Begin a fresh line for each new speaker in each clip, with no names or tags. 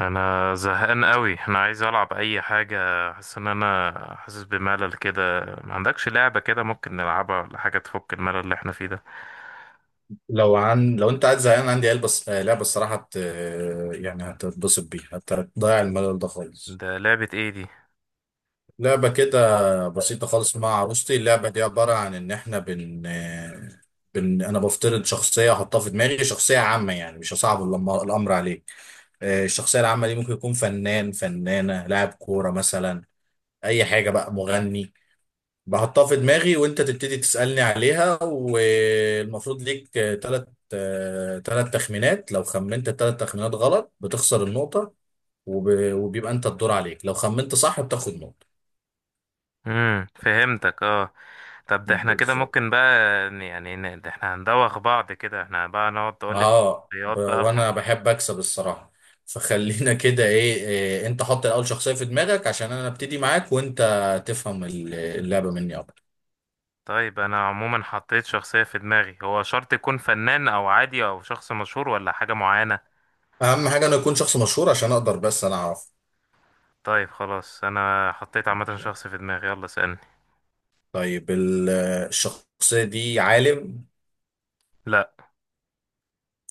انا زهقان قوي، انا عايز العب اي حاجه. حاسس ان حاسس بملل كده. ما عندكش لعبه كده ممكن نلعبها ولا حاجه تفك الملل اللي احنا فيه ده؟
لو انت قاعد زهقان عندي قلب بس لعبه الصراحه هت... آه، يعني هتتبسط بيها هتضيع الملل ده خالص.
ده لعبه ايه دي؟
لعبه كده بسيطه خالص مع عروستي. اللعبه دي عباره عن ان احنا بن آه، بن انا بفترض شخصيه احطها في دماغي، شخصيه عامه، يعني مش هصعب الامر عليك. الشخصيه العامه دي ممكن يكون فنان، فنانه، لاعب كوره مثلا، اي حاجه بقى، مغني. بحطها في دماغي وانت تبتدي تسألني عليها، والمفروض ليك ثلاث ثلاث تخمينات. لو خمنت الثلاث تخمينات غلط بتخسر النقطة، وبيبقى انت الدور عليك، لو خمنت صح بتاخد نقطة.
فهمتك اه. طب ده احنا كده
بالظبط.
ممكن بقى ده احنا هندوخ بعض كده، احنا بقى نقعد تقول لي انت شخصيات بقى.
وانا بحب اكسب الصراحة، فخلينا كده إيه انت حط الاول شخصية في دماغك عشان انا ابتدي معاك وانت تفهم اللعبة مني اكتر.
طيب انا عموما حطيت شخصيه في دماغي، هو شرط يكون فنان او عادي او شخص مشهور ولا حاجه معينه؟
اهم حاجة انا اكون شخص مشهور عشان اقدر، بس انا اعرف.
طيب خلاص انا حطيت عامه
ماشي.
شخص في دماغي، يلا اسالني.
طيب الشخصية دي عالم؟
لا.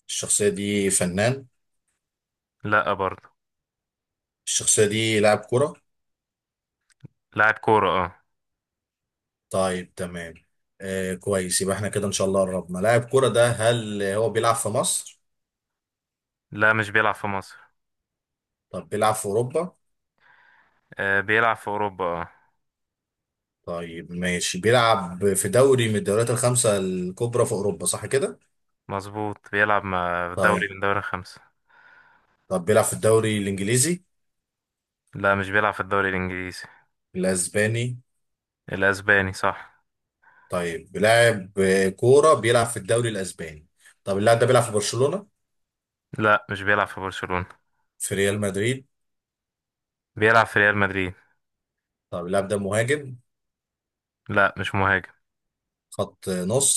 الشخصية دي فنان؟
لا برضه.
الشخصية دي لاعب كرة؟
لاعب كورة اه.
طيب تمام. آه كويس، يبقى احنا كده ان شاء الله قربنا. لاعب كرة ده هل هو بيلعب في مصر؟
لا مش بيلعب في مصر.
طب بيلعب في أوروبا؟
آه بيلعب في أوروبا اه.
طيب ماشي، بيلعب في دوري من الدوريات الخمسة الكبرى في أوروبا، صح كده؟
مظبوط، بيلعب مع في دوري
طيب.
من دوري خمسة.
طب بيلعب في الدوري الإنجليزي؟
لا مش بيلعب في الدوري الإنجليزي.
الأسباني؟
الأسباني صح.
طيب بيلعب كورة بيلعب في الدوري الأسباني. طب اللاعب ده بيلعب في برشلونة؟
لا مش بيلعب في برشلونة.
في ريال مدريد؟
بيلعب في ريال مدريد.
طب اللاعب ده مهاجم؟
لا مش مهاجم.
خط نص؟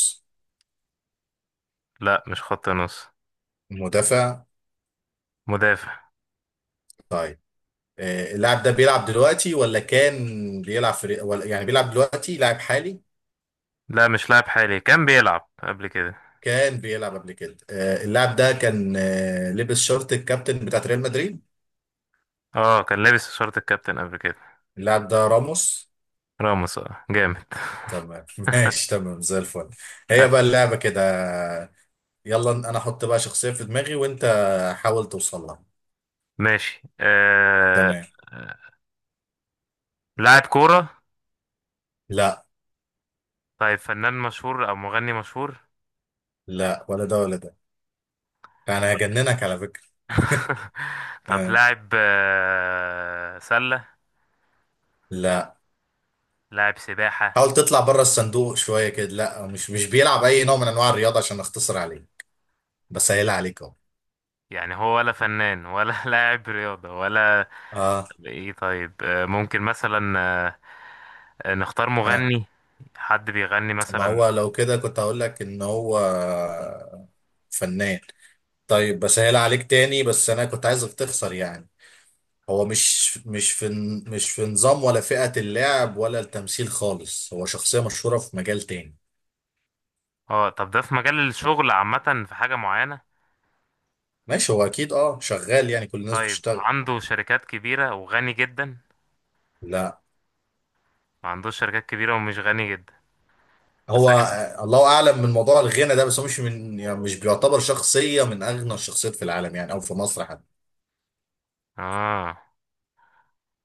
لا مش خط نص.
مدافع؟
مدافع.
طيب. اللاعب ده بيلعب دلوقتي ولا كان بيلعب في، ولا يعني بيلعب دلوقتي لاعب حالي؟
لا مش لاعب حالي، كان بيلعب قبل كده.
كان بيلعب قبل كده. اللاعب ده كان لبس شورت الكابتن بتاعت ريال مدريد؟
اه كان لابس شورت الكابتن قبل كده.
اللاعب ده راموس.
راموس اه جامد.
تمام ماشي تمام زي الفل. هي بقى
أس-
اللعبة كده. يلا انا احط بقى شخصية في دماغي وانت حاول توصل لها.
ماشي.
تمام.
آه، لاعب كورة.
لا
طيب فنان مشهور أو مغني مشهور.
لا، ولا ده ولا ده. انا هجننك على فكرة.
طب
آه،
لاعب سلة.
لا.
لاعب سباحة.
حاول تطلع بره الصندوق شوية كده. لا، مش بيلعب اي نوع من انواع الرياضة، عشان اختصر عليك، بسهل عليك اهو.
يعني هو ولا فنان ولا لاعب رياضة ولا؟
اه.
طب ايه طيب، ممكن مثلا نختار
آه.
مغني. حد بيغني
ما
مثلا.
هو لو كده كنت هقول لك ان هو فنان. طيب بسهل عليك تاني، بس انا كنت عايزك تخسر يعني. هو مش في نظام ولا فئة اللعب ولا التمثيل خالص، هو شخصية مشهورة في مجال تاني.
اه طب ده في مجال الشغل عامة في حاجة معينة
ماشي، هو اكيد اه شغال يعني، كل الناس
طيب
بتشتغل.
عنده شركات كبيرة وغني جدا
لا،
ما عندوش شركات كبيرة ومش غني جدا بس
هو الله اعلم من موضوع الغنى ده، بس هو مش من يعني مش بيعتبر شخصية من اغنى الشخصيات في العالم يعني او في مصر حتى.
اه.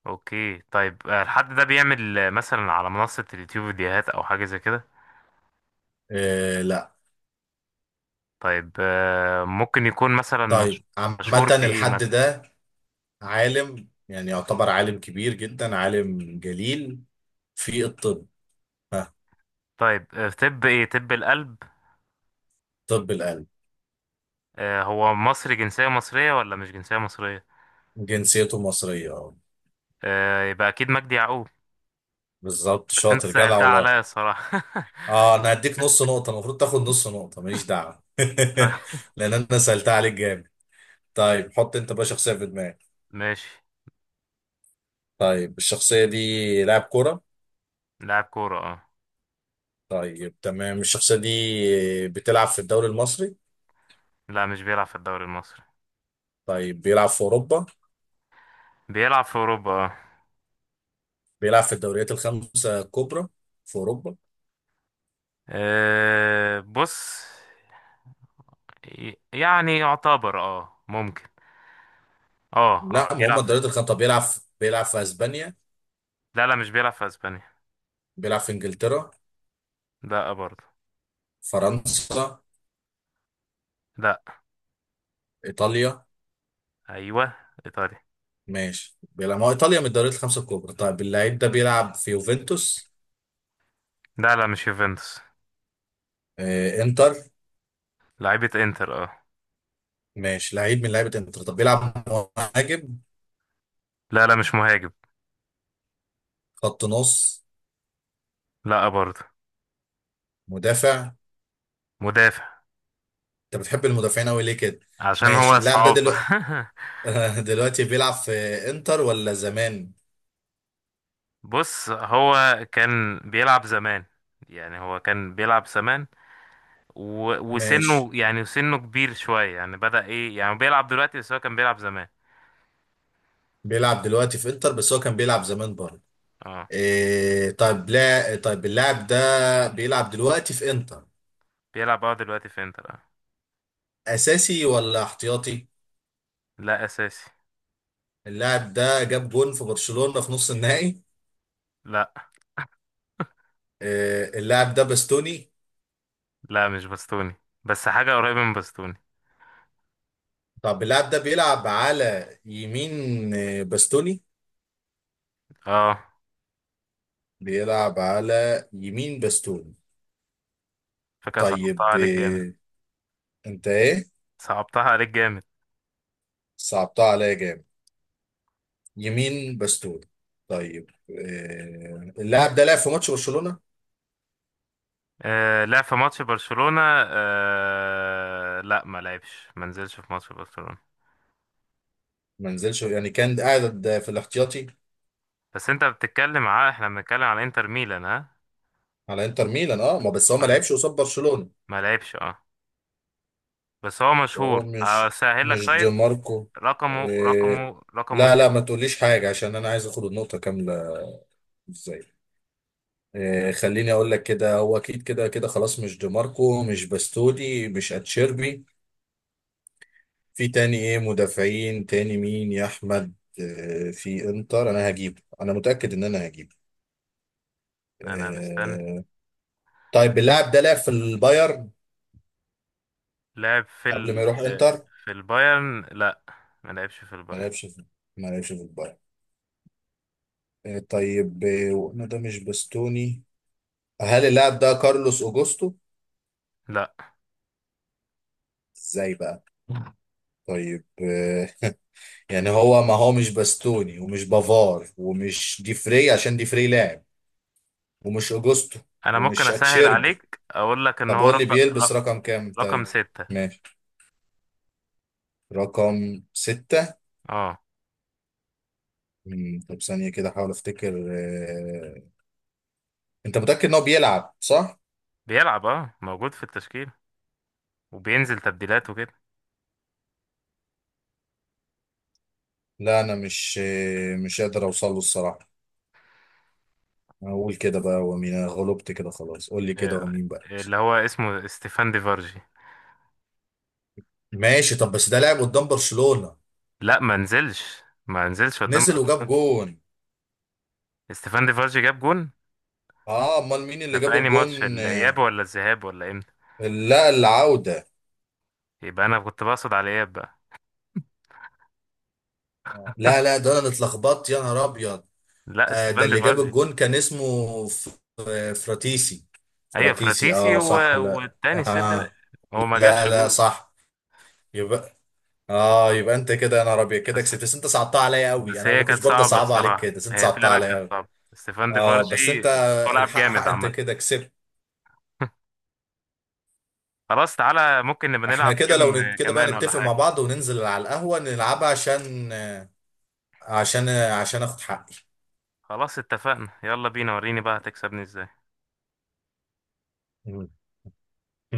اوكي طيب، الحد ده بيعمل مثلا على منصة اليوتيوب فيديوهات او حاجة زي كده؟
آه لا.
طيب ممكن يكون مثلا
طيب عامة
مشهور في ايه
الحد
مثلا؟
ده عالم، يعني يعتبر عالم كبير جدا، عالم جليل، في الطب. ها.
طيب في طب ايه، طب القلب؟
طب القلب.
هو مصري، جنسية مصرية ولا مش جنسية مصرية؟
جنسيته مصرية اه.
يبقى اكيد مجدي يعقوب.
بالظبط،
بس انت
شاطر جدع
سألتها
والله.
عليا الصراحة.
اه انا هديك نص نقطة، المفروض تاخد نص نقطة ماليش دعوة
طيب
لان انا سألتها عليك جامد. طيب حط انت بقى شخصية في دماغك.
ماشي.
طيب الشخصية دي لاعب كرة؟
لاعب كورة اه.
طيب تمام. الشخصية دي بتلعب في الدوري المصري؟
لا مش بيلعب في الدوري المصري.
طيب بيلعب في اوروبا.
بيلعب في اوروبا اه.
بيلعب في الدوريات الخمسة الكبرى في اوروبا؟
بص، يعتبر اه ممكن. اه
لا
اه
ما
بيلعب
هم
في.
الدوريات الخمسة. طب بيلعب في اسبانيا؟
لا لا مش بيلعب في اسبانيا.
بيلعب في انجلترا؟
لا برضه.
فرنسا؟
لا.
ايطاليا؟
ايوه ايطاليا.
ماشي بيلعب، ما هو ايطاليا من الدوريات الخمسة الكبرى. طيب اللعيب ده بيلعب في يوفنتوس؟
لا لا مش يوفنتوس.
آه انتر.
لعيبة انتر اه.
ماشي لعيب من لعيبة انتر. طب بيلعب مهاجم؟
لا لا مش مهاجم.
خط نص؟
لا برضه.
مدافع؟
مدافع.
انت بتحب المدافعين قوي ليه كده؟
عشان
ماشي.
هو
اللاعب ده
صعب.
دلوقتي دلوقتي بيلعب في انتر ولا زمان؟
بص هو كان بيلعب زمان، يعني هو كان بيلعب زمان
ماشي
وسنه، يعني سنه كبير شوية، يعني بدأ ايه، يعني بيلعب دلوقتي بس هو كان بيلعب زمان.
بيلعب دلوقتي في انتر بس هو كان بيلعب زمان بره.
اه
إيه طيب، لا طيب اللاعب ده بيلعب دلوقتي في انتر
بيلعب اه دلوقتي في انتر اه.
اساسي ولا احتياطي؟
لا اساسي.
اللاعب ده جاب جون في برشلونة في نص النهائي؟
لا
إيه اللاعب ده باستوني؟
لا مش بستوني، بس حاجة قريبة من بستوني.
طب اللاعب ده بيلعب على يمين باستوني؟
اه
بيلعب على يمين باستوني.
فكرة صعبتها
طيب
عليك جامد.
إيه، انت ايه؟
صعبتها عليك جامد.
صعبتها عليا جامد. يمين باستوني. طيب إيه، اللاعب ده لعب في ماتش برشلونة؟
آه لا في ماتش برشلونة، آه لا ما لعبش، ما نزلش في ماتش برشلونة.
ما نزلش يعني كان قاعد في الاحتياطي؟
بس انت بتتكلم على، احنا بنتكلم على انتر ميلان ها.
على انتر ميلان اه. ما بس هو ما
اه
لعبش قصاد برشلونة.
ما لعبش اه. بس هو
هو
مشهور
مش
اسهل لك
مش دي
طيب.
ماركو؟ إيه؟
رقمه
لا لا ما
ستة.
تقوليش حاجة عشان انا عايز اخد النقطة كاملة. ازاي؟ إيه خليني اقول لك كده، هو اكيد كده كده خلاص، مش دي ماركو، مش باستودي، مش اتشيربي. في تاني ايه مدافعين تاني مين يا احمد إيه في انتر، انا هجيب، انا متأكد ان انا هجيب.
انا مستني.
إيه. طيب اللاعب ده لعب في البايرن
لعب في
قبل ما
ال،
يروح انتر؟
في البايرن لا. ما لعبش في
ما
البايرن.
لعبش في ما لعبش في البايرن. طيب، وقلنا ده مش بستوني. هل اللاعب ده كارلوس اوجوستو؟
لا
ازاي بقى. طيب يعني هو، ما هو مش باستوني، ومش بافار، ومش ديفري عشان ديفري لاعب، ومش اوجوستو،
انا ممكن
ومش
اسهل
اتشيربي.
عليك اقول لك ان
طب
هو
قول لي
رقم،
بيلبس رقم كام
رقم
طيب.
ستة.
ماشي، رقم ستة.
اه
طب ثانية كده احاول افتكر. انت متأكد ان هو بيلعب صح؟
بيلعب اه موجود في التشكيل وبينزل تبديلات وكده.
لا انا مش قادر اوصل له الصراحة. اقول كده بقى ومين، انا غلبت كده خلاص قول لي كده
آه،
ومين بقى.
اللي هو اسمه ستيفان ديفارجي.
ماشي. طب بس ده لعب قدام برشلونة؟
لا ما نزلش قدام
نزل وجاب
برشلونة.
جون؟
ستيفان ديفارجي جاب جون.
اه امال مين
ده
اللي جاب
في أنهي ماتش،
الجون؟
الإياب ولا الذهاب ولا إمتى؟
لا العودة.
يبقى أنا كنت بقصد على الإياب بقى.
لا لا ده انا اتلخبطت يا نهار ابيض.
لا
آه ده
ستيفان
اللي جاب
ديفارجي.
الجون كان اسمه فراتيسي.
أيوة
فراتيسي
فراتيسي
اه صح، لا
والتاني السد ده.
اه.
هو ما
لا
جابش
لا
جول.
صح. يبقى اه، يبقى انت كده يا نهار ابيض كده
بس
كسبت، بس انت صعبتها عليا قوي،
بس
انا
هي
ما كنتش
كانت
برضه
صعبة
صعبه عليك
الصراحة،
كده، بس انت
هي
صعبتها
فعلا كانت
عليا.
صعبة ستيفان
اه
ديفارجي.
بس انت،
ملعب
الحق
جامد
حق انت
عامة.
كده كسبت.
خلاص تعالى ممكن نبقى
احنا
نلعب جيم
كده لو كده بقى
كمان ولا
نتفق مع
حاجة.
بعض وننزل على القهوة نلعبها، عشان عشان اخد حقي.
خلاص اتفقنا، يلا بينا وريني بقى هتكسبني ازاي؟
مم.